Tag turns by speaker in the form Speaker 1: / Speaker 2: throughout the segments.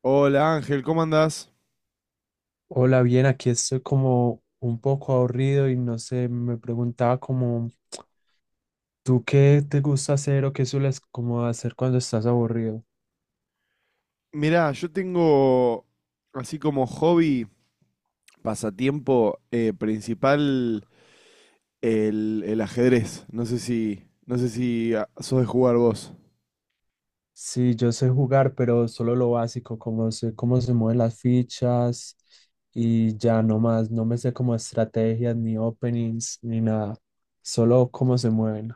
Speaker 1: Hola Ángel, ¿cómo andás?
Speaker 2: Hola, bien, aquí estoy como un poco aburrido y no sé, me preguntaba como, ¿tú qué te gusta hacer o qué sueles como hacer cuando estás aburrido?
Speaker 1: Mirá, yo tengo así como hobby, pasatiempo principal el ajedrez. No sé si sos de jugar vos.
Speaker 2: Sí, yo sé jugar, pero solo lo básico, como sé cómo se mueven las fichas y ya no más, no me sé como estrategias ni openings ni nada, solo cómo se mueven.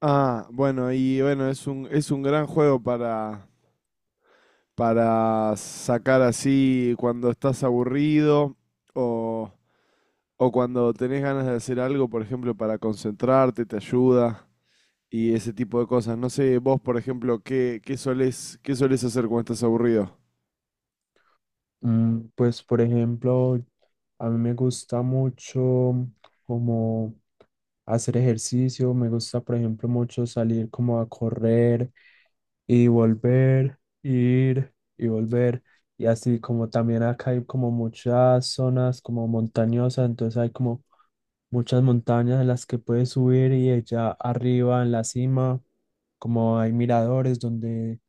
Speaker 1: Ah, bueno, y bueno, es un gran juego para sacar así cuando estás aburrido o, o cuando tenés ganas de hacer algo, por ejemplo, para concentrarte, te ayuda. Y ese tipo de cosas. No sé, vos, por ejemplo, ¿qué qué solés hacer cuando estás aburrido?
Speaker 2: Pues, por ejemplo, a mí me gusta mucho como hacer ejercicio, me gusta, por ejemplo, mucho salir como a correr y volver, ir y volver. Y así como también acá hay como muchas zonas como montañosas, entonces hay como muchas montañas en las que puedes subir y allá arriba en la cima, como hay miradores donde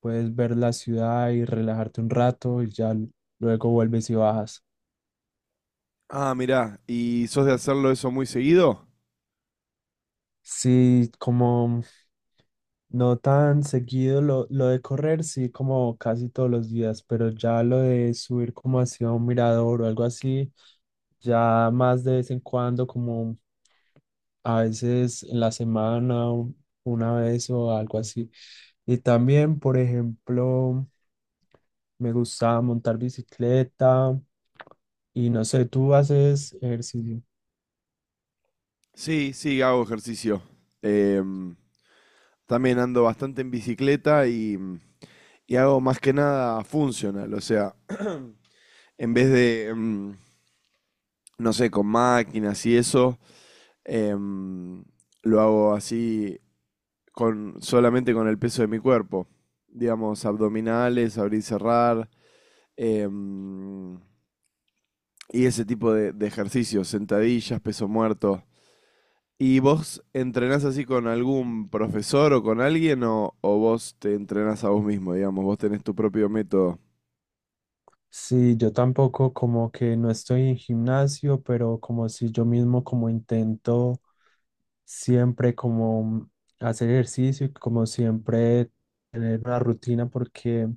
Speaker 2: puedes ver la ciudad y relajarte un rato y ya luego vuelves y bajas.
Speaker 1: Ah, mirá, ¿y sos de hacerlo eso muy seguido?
Speaker 2: Sí, como no tan seguido lo de correr, sí, como casi todos los días, pero ya lo de subir como hacia un mirador o algo así, ya más de vez en cuando, como a veces en la semana, una vez o algo así. Y también, por ejemplo, me gusta montar bicicleta y no sé, tú haces ejercicio.
Speaker 1: Sí, sí, hago ejercicio. Em, También ando bastante en bicicleta y y hago más que nada funcional, o sea, en vez de, no sé, con máquinas y eso, em, lo hago así con, solamente con el peso de mi cuerpo. Digamos, abdominales, abrir y cerrar. em, y ese tipo de ejercicios, sentadillas, peso muerto. ¿Y vos entrenás así con algún profesor o con alguien o vos te entrenás a vos mismo, digamos? Vos tenés tu propio método.
Speaker 2: Sí, yo tampoco como que no estoy en gimnasio, pero como si yo mismo como intento siempre como hacer ejercicio y como siempre tener una rutina porque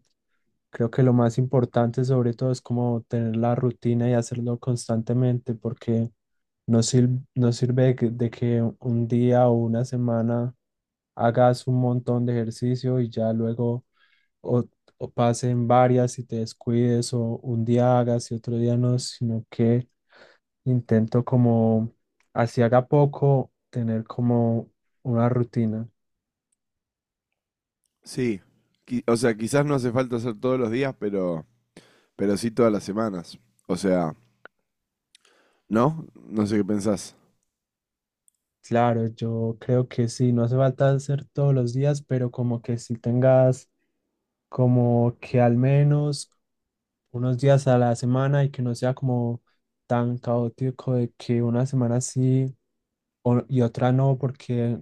Speaker 2: creo que lo más importante sobre todo es como tener la rutina y hacerlo constantemente porque no sirve, no sirve de que un día o una semana hagas un montón de ejercicio y ya luego o, o pasen varias y te descuides o un día hagas y otro día no, sino que intento como, así haga poco, tener como una rutina.
Speaker 1: Sí. O sea, quizás no hace falta hacer todos los días, pero sí todas las semanas. O sea, ¿no? No sé qué pensás.
Speaker 2: Claro, yo creo que sí, no hace falta hacer todos los días, pero como que si tengas como que al menos unos días a la semana y que no sea como tan caótico de que una semana sí o- y otra no, porque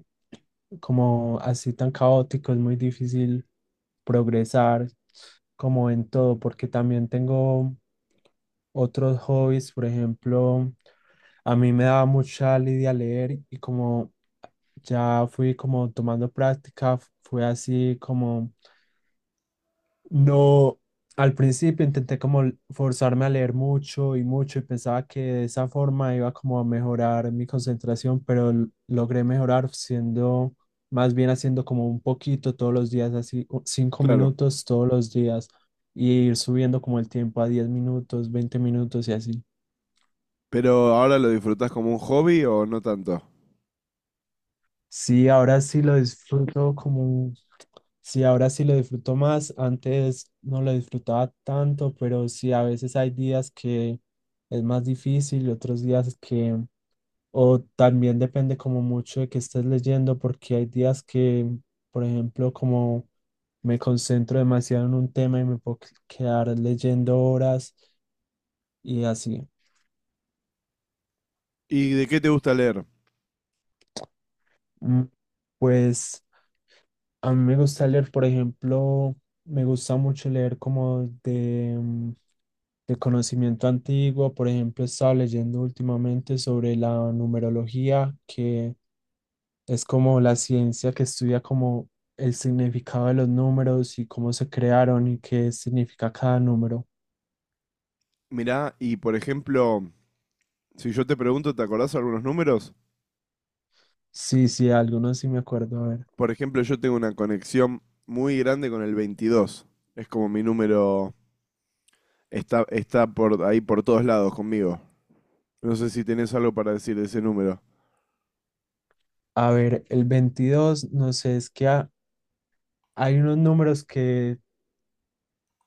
Speaker 2: como así tan caótico es muy difícil progresar como en todo, porque también tengo otros hobbies, por ejemplo, a mí me daba mucha lidia leer y como ya fui como tomando práctica, fue así como... No, al principio intenté como forzarme a leer mucho y mucho y pensaba que de esa forma iba como a mejorar mi concentración, pero logré mejorar siendo, más bien haciendo como un poquito todos los días, así cinco
Speaker 1: Claro.
Speaker 2: minutos todos los días y ir subiendo como el tiempo a 10 minutos, 20 minutos y así.
Speaker 1: Pero ahora lo disfrutás como un hobby o no tanto.
Speaker 2: Sí, ahora sí lo disfruto como sí, ahora sí lo disfruto más. Antes no lo disfrutaba tanto, pero sí, a veces hay días que es más difícil y otros días que, o también depende como mucho de que estés leyendo, porque hay días que, por ejemplo, como me concentro demasiado en un tema y me puedo quedar leyendo horas y así.
Speaker 1: ¿Y de qué te gusta leer?
Speaker 2: Mm, Pues a mí me gusta leer, por ejemplo, me gusta mucho leer como de, de conocimiento antiguo. Por ejemplo, he estado leyendo últimamente sobre la numerología, que es como la ciencia que estudia como el significado de los números y cómo se crearon y qué significa cada número.
Speaker 1: Mirá, y por ejemplo, si yo te pregunto, ¿te acordás algunos números?
Speaker 2: Sí, sí, algunos sí me acuerdo.
Speaker 1: Por ejemplo, yo tengo una conexión muy grande con el 22. Es como mi número, está, está por ahí por todos lados conmigo. No sé si tenés algo para decir de ese número.
Speaker 2: A ver, el 22 no sé, es que hay unos números que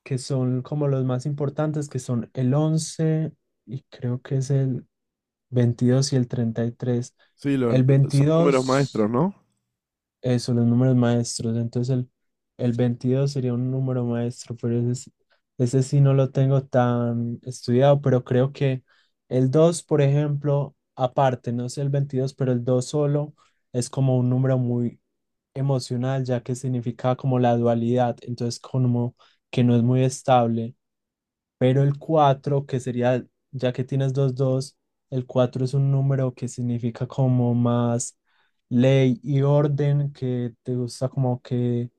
Speaker 2: que son como los más importantes, que son el 11 y creo que es el 22 y el 33.
Speaker 1: Sí, los-
Speaker 2: El
Speaker 1: Son números maestros,
Speaker 2: veintidós,
Speaker 1: ¿no?
Speaker 2: los números maestros, entonces el 22 sería un número maestro, pero ese, ese sí no lo tengo tan estudiado, pero creo que el dos, por ejemplo, aparte, no sé el 22, pero el 2 solo es como un número muy emocional, ya que significa como la dualidad, entonces como que no es muy estable. Pero el 4 que sería, ya que tienes dos dos, el 4 es un número que significa como más ley y orden, que te gusta como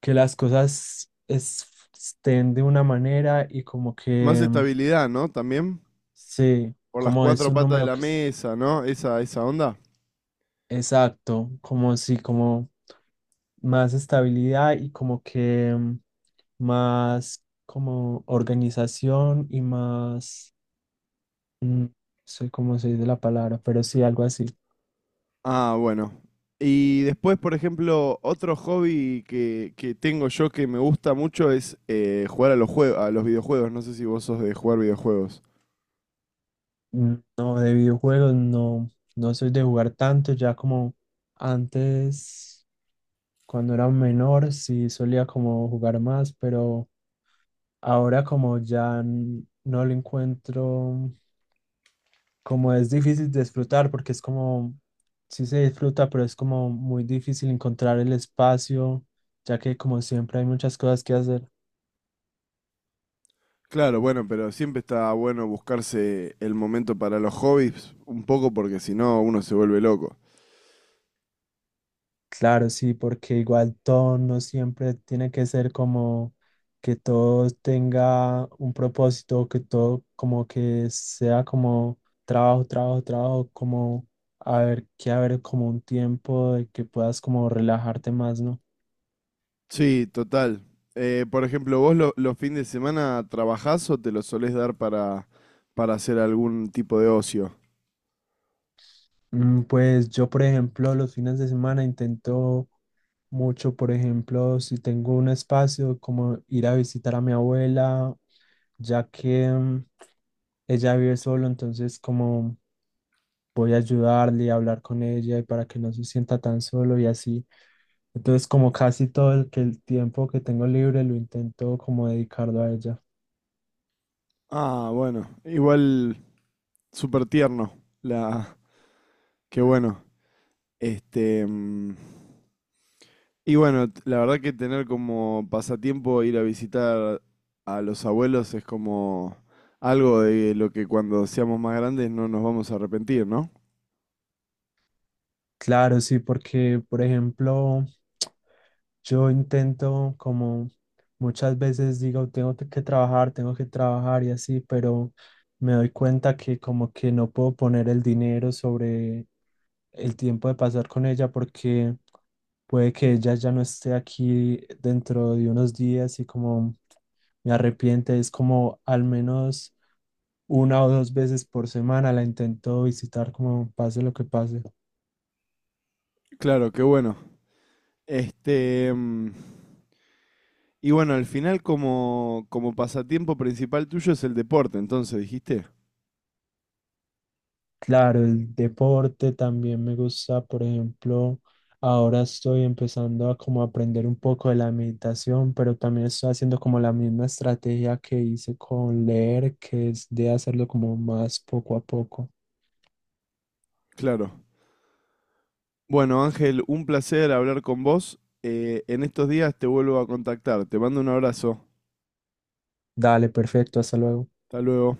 Speaker 2: que las cosas estén de una manera y como
Speaker 1: Más
Speaker 2: que, mm,
Speaker 1: estabilidad, ¿no? También
Speaker 2: sí,
Speaker 1: por las
Speaker 2: como es
Speaker 1: 4
Speaker 2: un
Speaker 1: patas de
Speaker 2: número
Speaker 1: la
Speaker 2: que
Speaker 1: mesa, ¿no? Esa onda.
Speaker 2: exacto, como sí, como más estabilidad y como que, mm, más como organización y más... Mm, soy como soy de la palabra, pero sí, algo así.
Speaker 1: Ah, bueno. Y después, por ejemplo, otro hobby que tengo yo que me gusta mucho es jugar a los a los videojuegos. No sé si vos sos de jugar videojuegos.
Speaker 2: Mm, no, de videojuegos no, no soy de jugar tanto, ya como antes, cuando era menor, sí solía como jugar más, pero ahora como ya no lo encuentro, como es difícil disfrutar, porque es como, sí se disfruta, pero es como muy difícil encontrar el espacio, ya que como siempre hay muchas cosas que hacer.
Speaker 1: Claro, bueno, pero siempre está bueno buscarse el momento para los hobbies, un poco porque si no uno se vuelve loco.
Speaker 2: Claro, sí, porque igual todo no siempre tiene que ser como que todo tenga un propósito, que todo como que sea como trabajo, trabajo, trabajo, como a ver, que haber como un tiempo de que puedas como relajarte más, ¿no?
Speaker 1: Sí, total. Por ejemplo, ¿ los fines de semana trabajás o te los solés dar para hacer algún tipo de ocio?
Speaker 2: Pues yo, por ejemplo, los fines de semana intento mucho, por ejemplo, si tengo un espacio, como ir a visitar a mi abuela, ya que, ella vive solo, entonces como voy a ayudarle a hablar con ella y para que no se sienta tan solo y así. Entonces, como casi todo el, que el tiempo que tengo libre lo intento como dedicarlo a ella.
Speaker 1: Ah, bueno, igual súper tierno. La, qué bueno. Este, mm, y bueno, la verdad que tener como pasatiempo ir a visitar a los abuelos es como algo de lo que cuando seamos más grandes no nos vamos a arrepentir, ¿no?
Speaker 2: Claro, sí, porque, por ejemplo, yo intento como muchas veces digo, tengo que trabajar y así, pero me doy cuenta que como que no puedo poner el dinero sobre el tiempo de pasar con ella porque puede que ella ya no esté aquí dentro de unos días y como me arrepiente, es como al menos una o dos veces por semana la intento visitar como pase lo que pase.
Speaker 1: Claro, qué bueno. Este, mm, y bueno, al final como, como pasatiempo principal tuyo es el deporte, entonces dijiste.
Speaker 2: Claro, el deporte también me gusta, por ejemplo, ahora estoy empezando a como aprender un poco de la meditación, pero también estoy haciendo como la misma estrategia que hice con leer, que es de hacerlo como más poco a poco.
Speaker 1: Claro. Bueno, Ángel, un placer hablar con vos. En estos días te vuelvo a contactar. Te mando un abrazo.
Speaker 2: Dale, perfecto, hasta luego.
Speaker 1: Hasta luego.